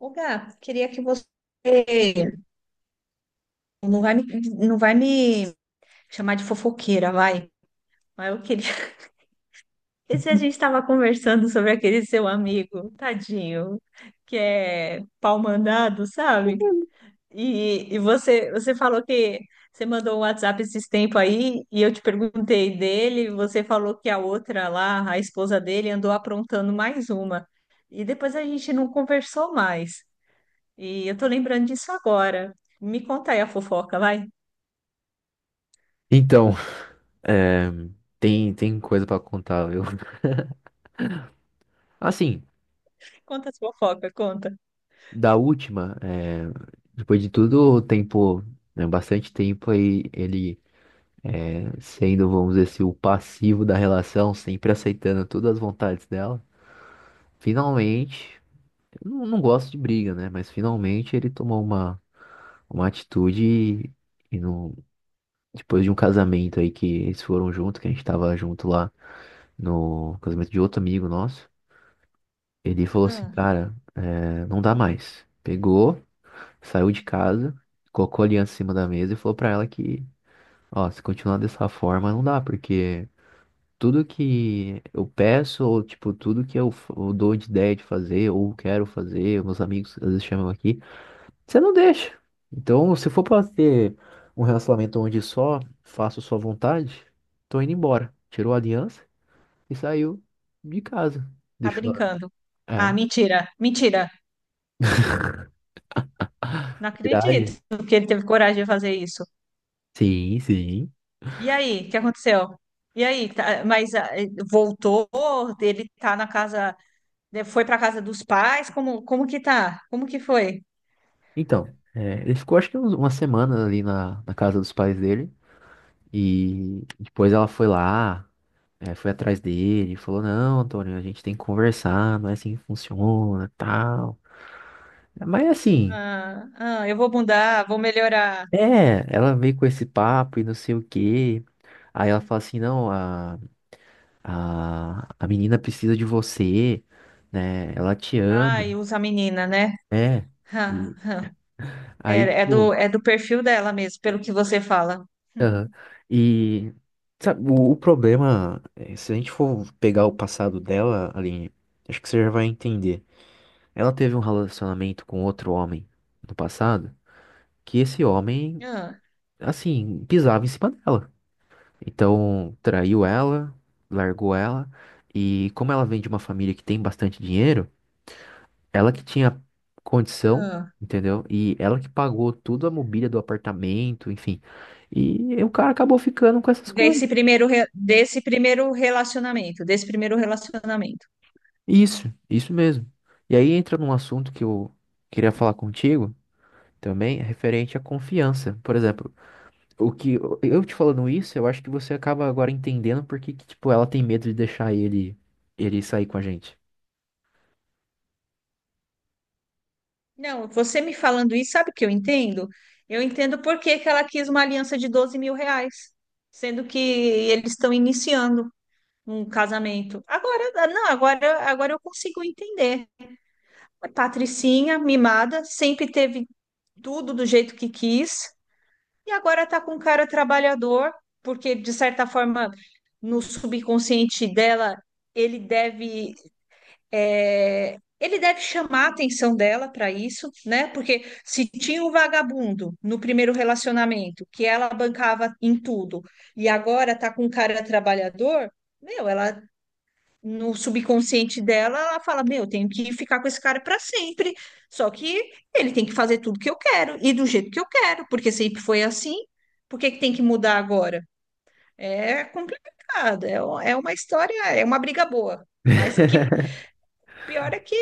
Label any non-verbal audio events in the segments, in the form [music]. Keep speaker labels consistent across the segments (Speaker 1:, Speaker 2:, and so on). Speaker 1: Ô, Gá, queria que você não vai me, não vai me chamar de fofoqueira, vai. Mas eu queria. [laughs] Esse a gente estava conversando sobre aquele seu amigo, tadinho, que é pau mandado, sabe? E você, você falou que você mandou um WhatsApp esses tempos aí e eu te perguntei dele. Você falou que a outra lá, a esposa dele, andou aprontando mais uma. E depois a gente não conversou mais. E eu tô lembrando disso agora. Me conta aí a fofoca, vai.
Speaker 2: Então, é, tem coisa pra contar, viu? Assim,
Speaker 1: Conta a fofoca, conta.
Speaker 2: da última, é, depois de tudo, o tempo, né, bastante tempo aí, ele é, sendo, vamos dizer assim, o passivo da relação, sempre aceitando todas as vontades dela, finalmente, eu não, não gosto de briga, né? Mas finalmente ele tomou uma atitude e, e não, depois de um casamento aí que eles foram junto, que a gente tava junto lá no casamento de outro amigo nosso. Ele falou assim,
Speaker 1: Hum,
Speaker 2: cara, é, não dá mais. Pegou, saiu de casa, colocou a aliança em cima da mesa e falou pra ela que, ó, se continuar dessa forma, não dá, porque tudo que eu peço, ou tipo, tudo que eu, f- eu dou de ideia de fazer, ou quero fazer, meus amigos às vezes chamam aqui, você não deixa. Então, se for pra ter um relacionamento onde só faço sua vontade, tô indo embora. Tirou a aliança e saiu de casa.
Speaker 1: tá
Speaker 2: Deixou,
Speaker 1: brincando.
Speaker 2: é,
Speaker 1: Ah, mentira, mentira. Não
Speaker 2: [laughs]
Speaker 1: acredito
Speaker 2: verdade.
Speaker 1: que ele teve coragem de fazer isso.
Speaker 2: Sim, sim.
Speaker 1: E aí, o que aconteceu? E aí, voltou? Ele tá na casa, né, foi pra casa dos pais? Como, como que tá? Como que foi?
Speaker 2: Então, é, ele ficou acho que uma semana ali na casa dos pais dele. E depois ela foi lá, é, foi atrás dele, e falou, não, Antônio, a gente tem que conversar, não é assim que funciona, tal. Mas assim,
Speaker 1: Ah, ah, eu vou mudar, vou melhorar.
Speaker 2: é, ela veio com esse papo e não sei o quê. Aí ela fala assim, não, a menina precisa de você, né? Ela te ama,
Speaker 1: Ai, usa a menina, né?
Speaker 2: né?
Speaker 1: Ah,
Speaker 2: E
Speaker 1: ah.
Speaker 2: aí,
Speaker 1: É,
Speaker 2: tipo.
Speaker 1: é do perfil dela mesmo, pelo que você fala.
Speaker 2: Aham. E sabe, o problema, é, se a gente for pegar o passado dela, Aline, acho que você já vai entender. Ela teve um relacionamento com outro homem no passado, que esse homem,
Speaker 1: Ah,
Speaker 2: assim, pisava em cima dela. Então, traiu ela, largou ela, e como ela vem de uma família que tem bastante dinheiro, ela que tinha condição,
Speaker 1: ah.
Speaker 2: entendeu? E ela que pagou tudo a mobília do apartamento, enfim. E o cara acabou ficando com essas coisas.
Speaker 1: Desse primeiro relacionamento, desse primeiro relacionamento.
Speaker 2: Isso mesmo. E aí entra num assunto que eu queria falar contigo também, referente à confiança. Por exemplo, o que eu te falando isso, eu acho que você acaba agora entendendo porque tipo, ela tem medo de deixar ele sair com a gente.
Speaker 1: Não, você me falando isso, sabe o que eu entendo? Eu entendo por que que ela quis uma aliança de R$ 12.000, sendo que eles estão iniciando um casamento. Agora, não, agora, agora eu consigo entender. Patricinha, mimada, sempre teve tudo do jeito que quis e agora tá com um cara trabalhador, porque de certa forma no subconsciente dela ele deve ele deve chamar a atenção dela para isso, né? Porque se tinha um vagabundo no primeiro relacionamento que ela bancava em tudo e agora tá com um cara trabalhador, meu, ela no subconsciente dela, ela fala: Meu, eu tenho que ficar com esse cara para sempre. Só que ele tem que fazer tudo que eu quero e do jeito que eu quero, porque sempre foi assim. Por que que tem que mudar agora? É complicado, é uma história, é uma briga boa. Mas que
Speaker 2: [laughs]
Speaker 1: pior é que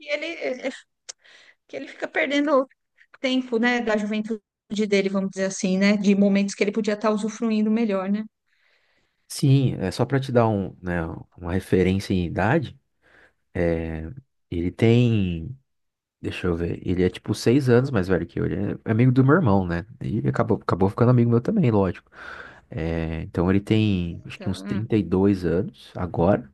Speaker 1: ele, é, que ele fica perdendo tempo, né, da juventude dele, vamos dizer assim, né, de momentos que ele podia estar usufruindo melhor, né?
Speaker 2: Sim, é só pra te dar um, né, uma referência em idade, ele tem, deixa eu ver, ele é tipo 6 anos mais velho que eu, ele é amigo do meu irmão, né? E acabou ficando amigo meu também, lógico. É, então ele tem acho que uns
Speaker 1: Tá,
Speaker 2: 32 anos agora.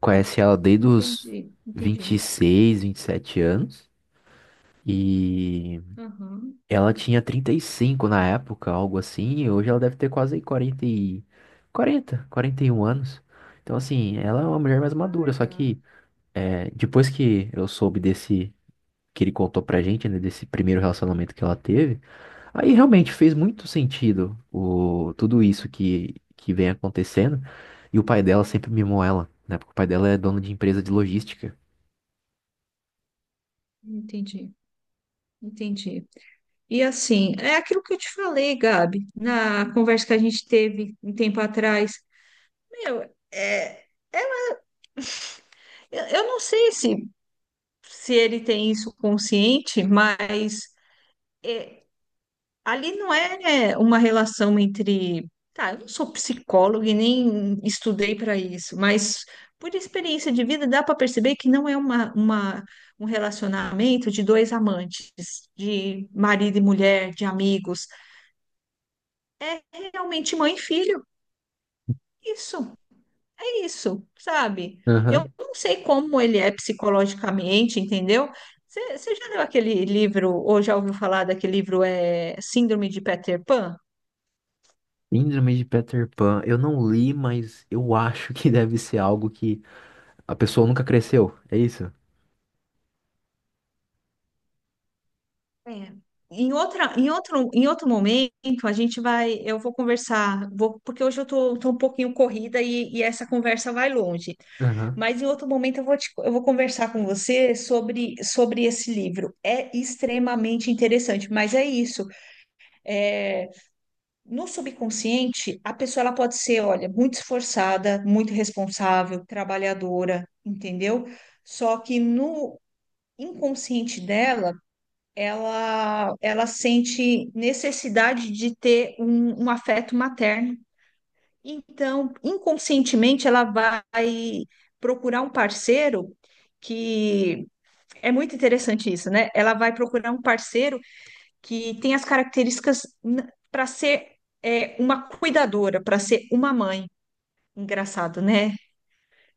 Speaker 2: Conhece ela desde os
Speaker 1: entendi,
Speaker 2: vinte
Speaker 1: entendi.
Speaker 2: e seis, 27 anos. E
Speaker 1: Aham.
Speaker 2: ela tinha 35 na época, algo assim. E hoje ela deve ter quase 40, 41 anos. Então, assim, ela é uma mulher mais madura.
Speaker 1: Ai,
Speaker 2: Só
Speaker 1: gato,
Speaker 2: que é, depois que eu soube desse, que ele contou pra gente, né, desse primeiro relacionamento que ela teve. Aí realmente fez muito sentido o, tudo isso que vem acontecendo. E o pai dela sempre mimou ela, né? Porque o pai dela é dono de empresa de logística.
Speaker 1: entendi. Entendi. E assim, é aquilo que eu te falei, Gabi, na conversa que a gente teve um tempo atrás. Meu, é, é, eu não sei se, se ele tem isso consciente, mas é, ali não é uma relação entre. Tá, eu não sou psicóloga e nem estudei para isso, mas por experiência de vida dá para perceber que não é um relacionamento de dois amantes, de marido e mulher, de amigos. É realmente mãe e filho. Isso, é isso, sabe?
Speaker 2: Aham.
Speaker 1: Eu não sei como ele é psicologicamente, entendeu? Você já leu aquele livro, ou já ouviu falar daquele livro, é Síndrome de Peter Pan?
Speaker 2: Síndrome de Peter Pan. Eu não li, mas eu acho que deve ser algo que a pessoa nunca cresceu. É isso?
Speaker 1: É. Em outro momento, a gente vai, eu vou conversar, vou, porque hoje eu tô, tô um pouquinho corrida e essa conversa vai longe.
Speaker 2: Aham.
Speaker 1: Mas em outro momento eu vou conversar com você sobre, sobre esse livro. É extremamente interessante, mas é isso. É, no subconsciente, a pessoa ela pode ser, olha, muito esforçada, muito responsável, trabalhadora, entendeu? Só que no inconsciente dela, ela sente necessidade de ter um afeto materno. Então, inconscientemente, ela vai procurar um parceiro que é muito interessante isso, né? Ela vai procurar um parceiro que tem as características para ser uma cuidadora, para ser uma mãe. Engraçado, né?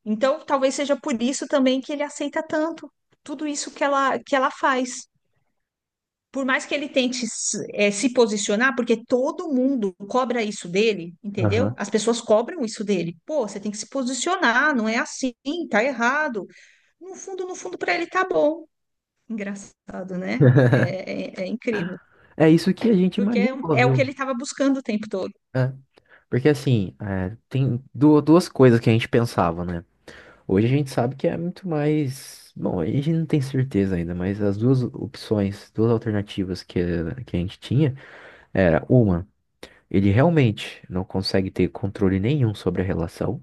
Speaker 1: Então, talvez seja por isso também que ele aceita tanto tudo isso que que ela faz. Por mais que ele tente se posicionar, porque todo mundo cobra isso dele, entendeu?
Speaker 2: Aham.
Speaker 1: As pessoas cobram isso dele. Pô, você tem que se posicionar, não é assim, tá errado. No fundo, no fundo, para ele tá bom. Engraçado, né?
Speaker 2: [laughs]
Speaker 1: É incrível.
Speaker 2: É isso que a gente
Speaker 1: Porque
Speaker 2: imaginou,
Speaker 1: é o que
Speaker 2: viu?
Speaker 1: ele estava buscando o tempo todo.
Speaker 2: É. Porque assim, é, tem duas coisas que a gente pensava, né? Hoje a gente sabe que é muito mais. Bom, a gente não tem certeza ainda, mas as duas opções, duas alternativas que a gente tinha era uma, ele realmente não consegue ter controle nenhum sobre a relação.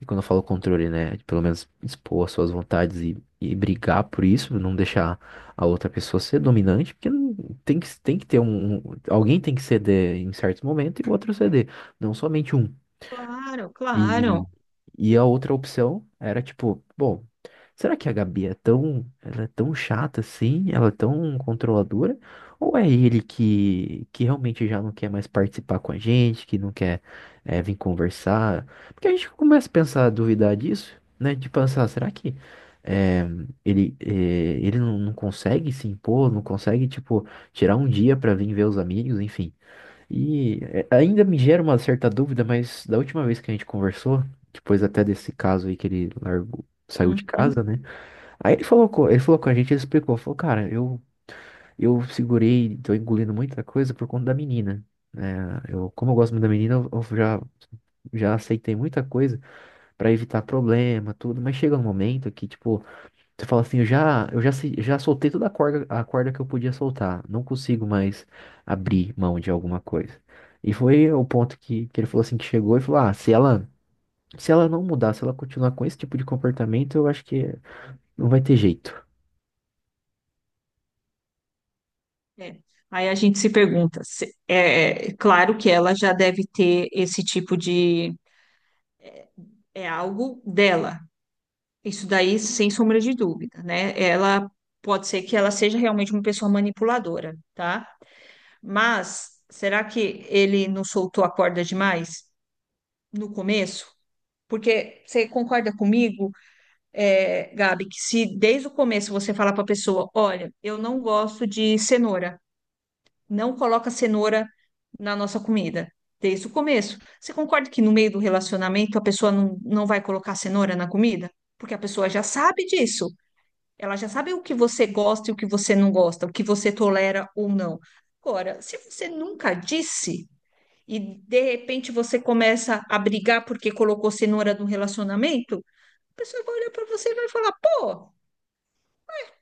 Speaker 2: E quando eu falo controle, né, de pelo menos expor as suas vontades e brigar por isso, não deixar a outra pessoa ser dominante, porque tem que ter um. Alguém tem que ceder em certos momentos e o outro ceder. Não somente um.
Speaker 1: Claro,
Speaker 2: E,
Speaker 1: claro.
Speaker 2: e a outra opção era tipo, bom, será que a Gabi é tão, ela é tão chata assim? Ela é tão controladora? Ou é ele que realmente já não quer mais participar com a gente, que não quer vir conversar? Porque a gente começa a pensar, a duvidar disso, né? De pensar, será que eh, ele não consegue se impor, não consegue, tipo, tirar um dia pra vir ver os amigos, enfim. E é, ainda me gera uma certa dúvida, mas da última vez que a gente conversou, depois até desse caso aí que ele largou, saiu de
Speaker 1: Uhum.
Speaker 2: casa, né? Aí ele falou, ele falou com a gente, ele explicou, falou, cara, eu segurei, tô engolindo muita coisa por conta da menina. Né? Eu, como eu gosto muito da menina, já aceitei muita coisa pra evitar problema, tudo, mas chega um momento que, tipo, você fala assim, eu já, se- já soltei toda a corda que eu podia soltar, não consigo mais abrir mão de alguma coisa. E foi o ponto que ele falou assim, que chegou e falou, ah, se ela não mudar, se ela continuar com esse tipo de comportamento, eu acho que não vai ter jeito.
Speaker 1: É. Aí a gente se pergunta, é claro que ela já deve ter esse tipo de, é é algo dela. Isso daí, sem sombra de dúvida, né? Ela pode ser que ela seja realmente uma pessoa manipuladora, tá? Mas será que ele não soltou a corda demais no começo? Porque você concorda comigo, é, Gabi, que se desde o começo você falar para a pessoa, olha, eu não gosto de cenoura. Não coloca cenoura na nossa comida, desde o começo. Você concorda que no meio do relacionamento a pessoa não vai colocar cenoura na comida? Porque a pessoa já sabe disso. Ela já sabe o que você gosta e o que você não gosta, o que você tolera ou não. Agora, se você nunca disse e de repente você começa a brigar porque colocou cenoura no relacionamento, a pessoa vai olhar para você e vai falar: pô,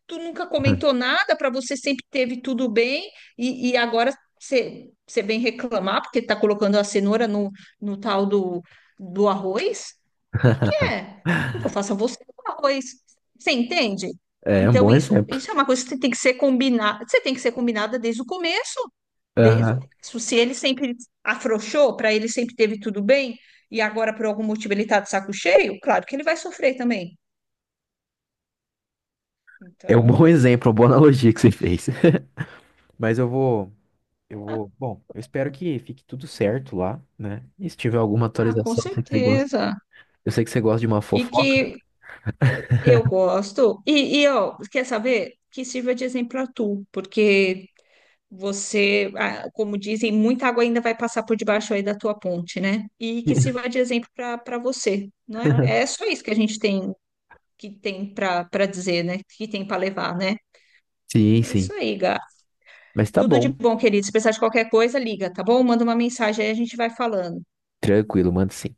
Speaker 1: tu nunca comentou nada, para você sempre teve tudo bem, e agora você você vem reclamar porque tá colocando a cenoura no tal do arroz? O que que
Speaker 2: [laughs]
Speaker 1: é? Eu faço a você com arroz. Você entende?
Speaker 2: É um
Speaker 1: Então,
Speaker 2: bom exemplo.
Speaker 1: isso é uma coisa que você tem que ser combinada. Você tem que ser combinada desde o começo. Desde o
Speaker 2: Aham.
Speaker 1: começo. Se ele sempre afrouxou, para ele sempre teve tudo bem, e agora, por algum motivo, ele está de saco cheio, claro que ele vai sofrer também.
Speaker 2: É um bom
Speaker 1: Então,
Speaker 2: exemplo, uma boa analogia que você fez. [laughs] Mas bom, eu espero que fique tudo certo lá, né? E se tiver alguma
Speaker 1: ah, com
Speaker 2: atualização,
Speaker 1: certeza.
Speaker 2: eu sei que você gosta de uma
Speaker 1: E que
Speaker 2: fofoca.
Speaker 1: eu gosto. E ó, quer saber? Que sirva de exemplo a tu, porque você, ah, como dizem, muita água ainda vai passar por debaixo aí da tua ponte, né? E que sirva
Speaker 2: [laughs]
Speaker 1: de exemplo para para você, não é? É só isso que a gente tem que tem para para dizer, né? Que tem para levar, né?
Speaker 2: Sim,
Speaker 1: É
Speaker 2: sim.
Speaker 1: isso aí, Gá.
Speaker 2: Mas tá
Speaker 1: Tudo de
Speaker 2: bom.
Speaker 1: bom, querido. Se precisar de qualquer coisa, liga, tá bom? Manda uma mensagem aí, a gente vai falando.
Speaker 2: Tranquilo, manda sim.